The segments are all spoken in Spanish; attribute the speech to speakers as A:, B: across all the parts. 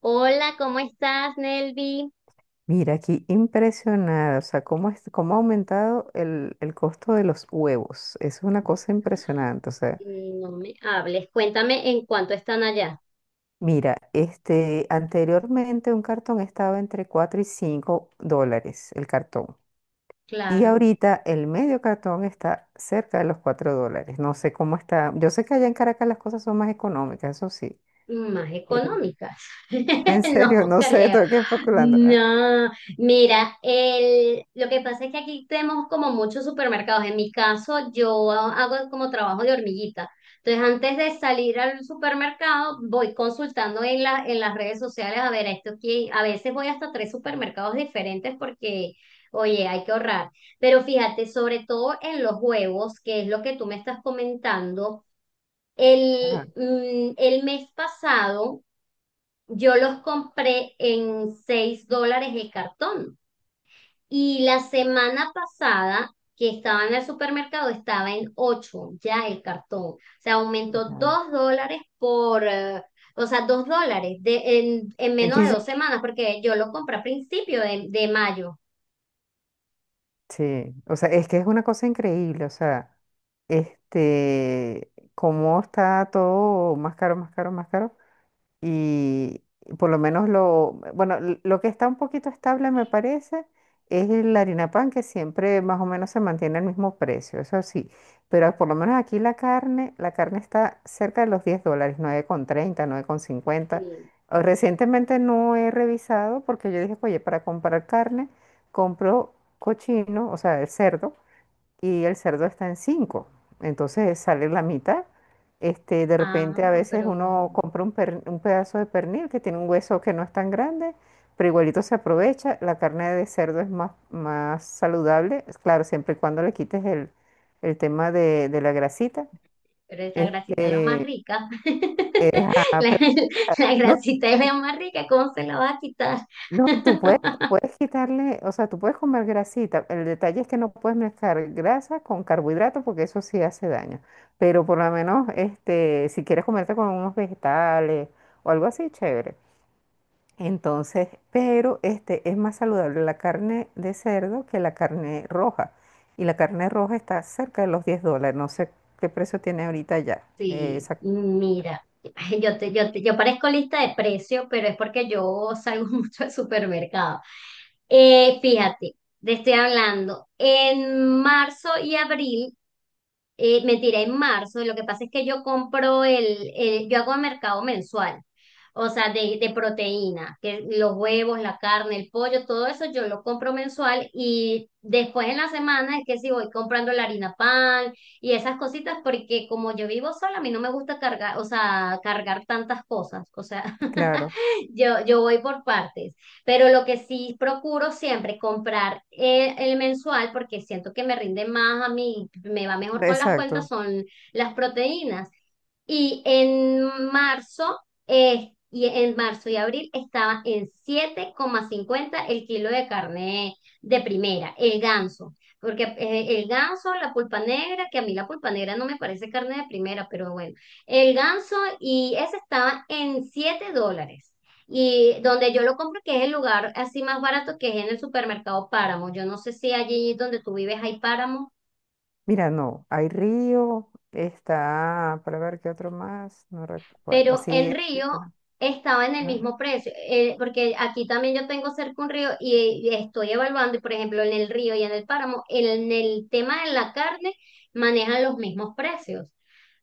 A: Hola, ¿cómo estás, Nelvi?
B: Mira, aquí impresionada, o sea, cómo ha aumentado el costo de los huevos. Es una cosa impresionante, o sea,
A: No me hables, cuéntame en cuánto están allá.
B: mira, anteriormente un cartón estaba entre 4 y 5 dólares el cartón. Y
A: Claro,
B: ahorita el medio cartón está cerca de los $4. No sé cómo está. Yo sé que allá en Caracas las cosas son más económicas, eso sí.
A: más
B: Pero
A: económicas.
B: en
A: No
B: serio, no sé,
A: creo.
B: estoy aquí especulando. ¿Ah?
A: No, mira, lo que pasa es que aquí tenemos como muchos supermercados. En mi caso, yo hago como trabajo de hormiguita. Entonces, antes de salir al supermercado, voy consultando en las redes sociales a ver a esto que a veces voy hasta tres supermercados diferentes porque, oye, hay que ahorrar. Pero fíjate, sobre todo en los huevos, que es lo que tú me estás comentando.
B: Ajá,
A: El mes pasado yo los compré en $6 el cartón y la semana pasada que estaba en el supermercado estaba en 8 ya el cartón. O sea, aumentó
B: ajá.
A: $2 por, o sea, $2 en
B: En
A: menos de
B: 15.
A: 2 semanas porque yo los compré a principio de mayo.
B: Sí, o sea, es que es una cosa increíble, o sea, cómo está todo más caro, más caro, más caro. Y por lo menos lo, bueno, lo que está un poquito estable me parece es el harina pan que siempre más o menos se mantiene el mismo precio, eso sí. Pero por lo menos aquí la carne está cerca de los $10, 9,30, 9,50.
A: Sí.
B: Recientemente no he revisado porque yo dije, oye, para comprar carne compro cochino, o sea, el cerdo, y el cerdo está en cinco. Entonces sale la mitad. De repente a
A: Ah,
B: veces
A: pero.
B: uno compra un pedazo de pernil que tiene un hueso que no es tan grande, pero igualito se aprovecha. La carne de cerdo es más, más saludable, es claro, siempre y cuando le quites el tema de la grasita.
A: Pero esa grasita es la más
B: Este,
A: rica.
B: eh, ajá,
A: La, la
B: no,
A: grasita es la más rica. ¿Cómo se la va a quitar?
B: no, tú puedes quitarle, o sea, tú puedes comer grasita. El detalle es que no puedes mezclar grasa con carbohidratos porque eso sí hace daño. Pero por lo menos, si quieres comerte con unos vegetales o algo así, chévere. Entonces, pero es más saludable la carne de cerdo que la carne roja. Y la carne roja está cerca de los $10. No sé qué precio tiene ahorita ya. Eh,
A: Sí,
B: esa-
A: mira, ay, yo parezco lista de precios, pero es porque yo salgo mucho al supermercado. Fíjate, te estoy hablando, en marzo y abril. Mentira, en marzo. Lo que pasa es que yo compro yo hago mercado mensual, o sea, de proteína, que los huevos, la carne, el pollo, todo eso yo lo compro mensual y después en la semana es que sí voy comprando la harina pan y esas cositas porque como yo vivo sola, a mí no me gusta cargar, o sea, cargar tantas cosas, o sea,
B: claro,
A: yo voy por partes. Pero lo que sí procuro siempre comprar, el mensual porque siento que me rinde más a mí, me va mejor con las cuentas,
B: exacto.
A: son las proteínas. Y en marzo, y en marzo y abril estaba en 7,50 el kilo de carne de primera, el ganso. Porque, el ganso, la pulpa negra, que a mí la pulpa negra no me parece carne de primera, pero bueno, el ganso y ese estaba en $7. Y donde yo lo compro, que es el lugar así más barato, que es en el supermercado Páramo. Yo no sé si allí donde tú vives hay Páramo.
B: Mira, no, hay río, está, para ver qué otro más, no recuerdo.
A: Pero en
B: Así,
A: Río estaba en el
B: ah,
A: mismo precio, porque aquí también yo tengo cerca un río y, estoy evaluando, y por ejemplo, en el río y en el páramo, en el tema de la carne manejan los mismos precios,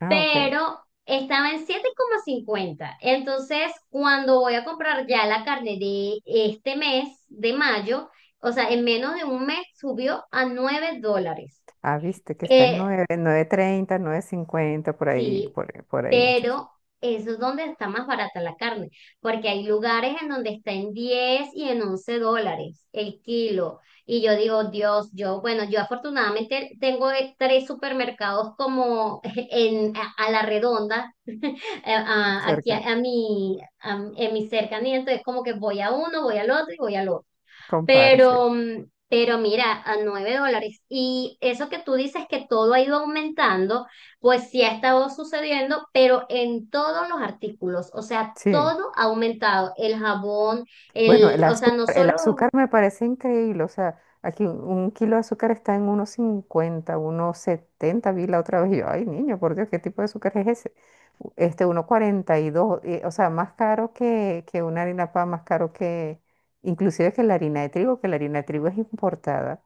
B: ah, ok.
A: pero estaba en siete coma cincuenta. Entonces, cuando voy a comprar ya la carne de este mes, de mayo, o sea, en menos de un mes subió a $9.
B: Ah, viste que está en
A: Eh,
B: nueve, nueve treinta, nueve cincuenta por ahí,
A: Sí,
B: por ahí, muchachos.
A: pero eso es donde está más barata la carne, porque hay lugares en donde está en 10 y en $11 el kilo. Y yo digo, Dios, yo, bueno, yo afortunadamente tengo, tres supermercados como a la redonda, aquí
B: Cerca,
A: en mi cercanía, entonces como que voy a uno, voy al otro y voy al otro.
B: compárese.
A: Pero mira, a $9. Y eso que tú dices que todo ha ido aumentando, pues sí ha estado sucediendo, pero en todos los artículos. O sea,
B: Sí,
A: todo ha aumentado. El jabón,
B: bueno, el
A: o sea,
B: azúcar,
A: no
B: el
A: solo,
B: azúcar me parece increíble. O sea, aquí un kilo de azúcar está en unos 50, unos 70. Vi la otra vez. Y yo, ay, niño, por Dios, ¿qué tipo de azúcar es ese? 1,42, o sea, más caro que una harina pan, más caro que, inclusive que la harina de trigo, que la harina de trigo es importada.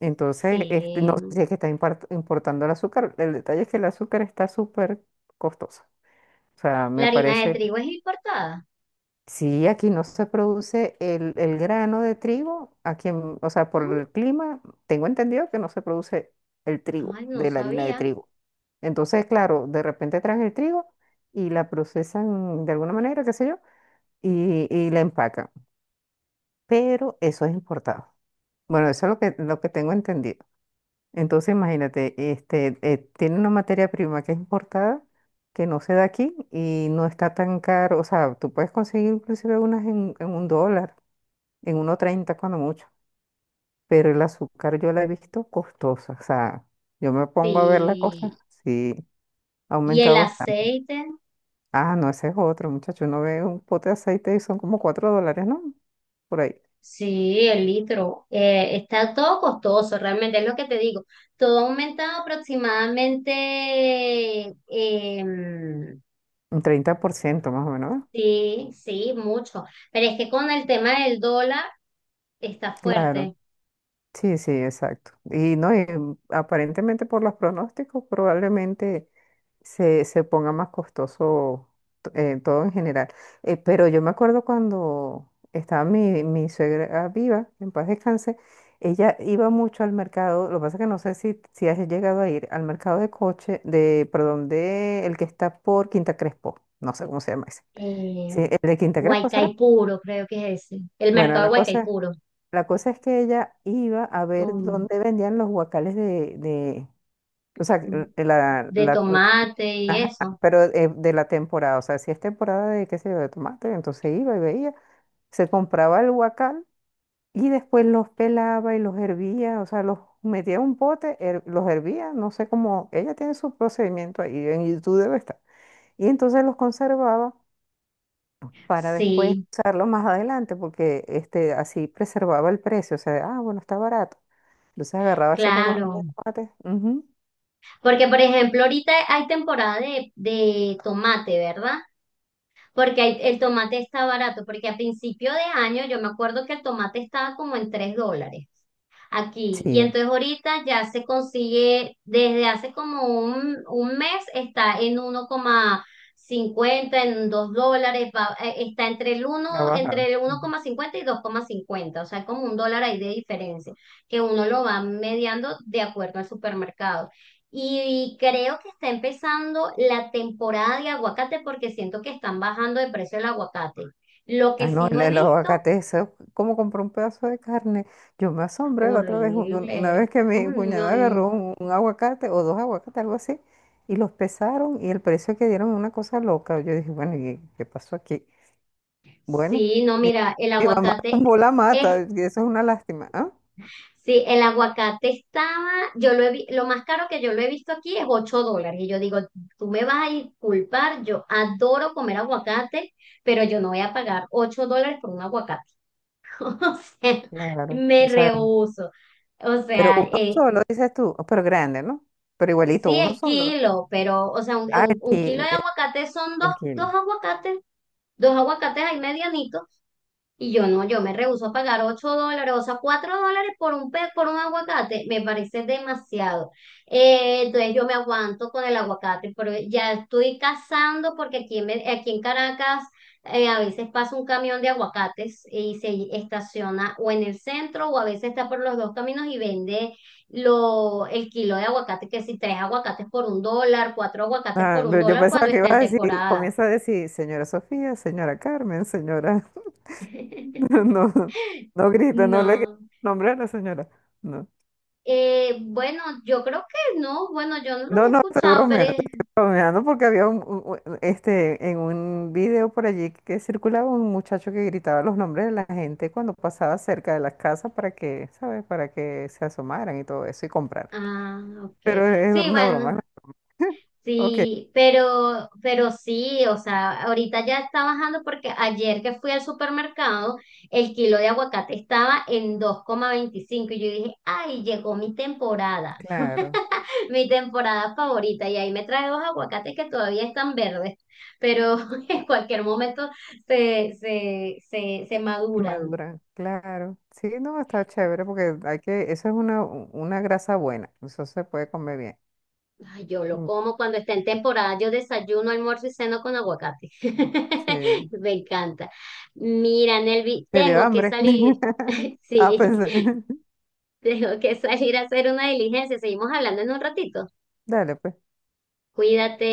B: Entonces, no
A: sí,
B: sé si es que está importando el azúcar. El detalle es que el azúcar está súper costoso. O sea, me
A: la harina de
B: parece.
A: trigo es importada.
B: Sí, aquí no se produce el grano de trigo, aquí, o sea, por
A: Mm.
B: el clima, tengo entendido que no se produce el trigo,
A: Ay, no
B: de la harina de
A: sabía.
B: trigo. Entonces, claro, de repente traen el trigo y la procesan de alguna manera, qué sé yo, y la empacan. Pero eso es importado. Bueno, eso es lo que tengo entendido. Entonces, imagínate, tiene una materia prima que es importada, que no se da aquí y no está tan caro. O sea, tú puedes conseguir inclusive unas en un dólar, en uno treinta cuando mucho. Pero el azúcar yo la he visto costosa. O sea, yo me pongo a ver la
A: Sí.
B: cosa, sí, ha
A: Y el
B: aumentado bastante.
A: aceite.
B: Ah, no, ese es otro, muchacho. Uno ve un pote de aceite y son como $4, ¿no? Por ahí.
A: Sí, el litro. Está todo costoso, realmente es lo que te digo. Todo ha aumentado aproximadamente, em,
B: Un 30% más o menos, ¿eh?
A: sí, sí, mucho. Pero es que con el tema del dólar está
B: Claro.
A: fuerte.
B: Sí, sí, exacto. Y no, aparentemente por los pronósticos probablemente se ponga más costoso todo en general. Pero yo me acuerdo cuando estaba mi suegra viva, en paz descanse, ella iba mucho al mercado, lo que pasa es que no sé si has llegado a ir al mercado de coche, de, perdón, de el que está por Quinta Crespo, no sé cómo se llama ese.
A: Eh,
B: Sí, el de Quinta Crespo será.
A: Guaycaipuro, creo que es ese. El
B: Bueno,
A: mercado de
B: la cosa
A: Guaycaipuro.
B: la cosa es que ella iba a ver
A: um,
B: dónde vendían los guacales de o sea,
A: um, de tomate y
B: ajá,
A: eso.
B: pero de la temporada, o sea, si es temporada de, qué sé yo, de tomate, entonces iba y veía, se compraba el guacal y después los pelaba y los hervía, o sea, los metía en un pote, los hervía, no sé cómo, ella tiene su procedimiento ahí, en YouTube debe estar, y entonces los conservaba para después
A: Sí,
B: usarlo más adelante, porque así preservaba el precio, o sea, ah, bueno, está barato. Entonces agarraba ese poco de
A: claro.
B: aguacate. Ujú,
A: Porque, por ejemplo, ahorita hay temporada de tomate, ¿verdad? Porque el tomate está barato, porque a principio de año yo me acuerdo que el tomate estaba como en $3. Aquí. Y
B: sí.
A: entonces ahorita ya se consigue, desde hace como un mes, está en 1,50 en $2, está entre el uno
B: La bajaba.
A: entre el uno
B: Ujú.
A: coma cincuenta y 2,50, o sea, como $1 ahí de diferencia, que uno lo va mediando de acuerdo al supermercado. Y creo que está empezando la temporada de aguacate porque siento que están bajando de precio el aguacate. Lo
B: Ah,
A: que
B: no,
A: sí no
B: el,
A: he
B: el
A: visto,
B: aguacate, eso, cómo compré un pedazo de carne. Yo me asombré la otra vez,
A: horrible.
B: una vez que mi
A: Mm.
B: cuñada
A: No.
B: agarró un aguacate o dos aguacates, algo así, y los pesaron y el precio que dieron una cosa loca. Yo dije, bueno, ¿y qué pasó aquí? Bueno,
A: Sí, no,
B: mi,
A: mira, el
B: mi mamá
A: aguacate
B: tumbó la mata,
A: es,
B: y eso es una lástima. ¿Ah?
A: sí, el aguacate estaba, yo lo he, vi- lo más caro que yo lo he visto aquí es $8. Y yo digo, tú me vas a disculpar, yo adoro comer aguacate, pero yo no voy a pagar $8 por un aguacate. O sea,
B: Claro,
A: me
B: o sea,
A: rehúso. O
B: pero
A: sea,
B: uno solo, dices tú, pero grande, ¿no? Pero igualito,
A: sí,
B: uno
A: el
B: solo.
A: kilo, pero, o sea, un
B: Aquí
A: kilo de aguacate son dos,
B: el kilo.
A: dos aguacates, dos aguacates ahí medianitos. Y yo no, yo me rehúso a pagar 8 dólares, o sea, $4 por un aguacate, me parece demasiado. Entonces yo me aguanto con el aguacate, pero ya estoy cazando porque aquí en Caracas, a veces pasa un camión de aguacates y se estaciona o en el centro o a veces está por los dos caminos y vende el kilo de aguacate, que si tres aguacates por $1, cuatro aguacates por
B: Ah,
A: un
B: pero yo
A: dólar cuando
B: pensaba que
A: está
B: iba
A: en
B: a decir,
A: temporada.
B: comienza a decir, señora Sofía, señora Carmen, señora. No, no grita, no le grita
A: No.
B: el nombre a la señora. No,
A: Bueno, yo creo que no, bueno, yo no los
B: no,
A: he
B: no,
A: escuchado, pero es...
B: estoy bromeando porque había en un video por allí que circulaba un muchacho que gritaba los nombres de la gente cuando pasaba cerca de las casas para que, ¿sabes? Para que se asomaran y todo eso y compraran.
A: Ah, ok.
B: Pero es
A: Sí,
B: una
A: bueno,
B: broma. Ok,
A: sí, pero sí, o sea, ahorita ya está bajando porque ayer que fui al supermercado, el kilo de aguacate estaba en 2,25 y yo dije, ay, llegó mi temporada,
B: claro.
A: mi temporada favorita, y ahí me trae dos aguacates que todavía están verdes, pero en cualquier momento se maduran.
B: Armadura, claro. Sí, no, está chévere porque hay que, eso es una grasa buena, eso se puede comer bien.
A: Ay, yo lo
B: Mm,
A: como cuando está en temporada. Yo desayuno, almuerzo y ceno con aguacate.
B: sí.
A: Me encanta. Mira, Nelvi,
B: ¿Te dio
A: tengo que
B: hambre?
A: salir.
B: Ah,
A: Sí,
B: pensé.
A: tengo que salir a hacer una diligencia. Seguimos hablando en un ratito.
B: Dale, pues.
A: Cuídate.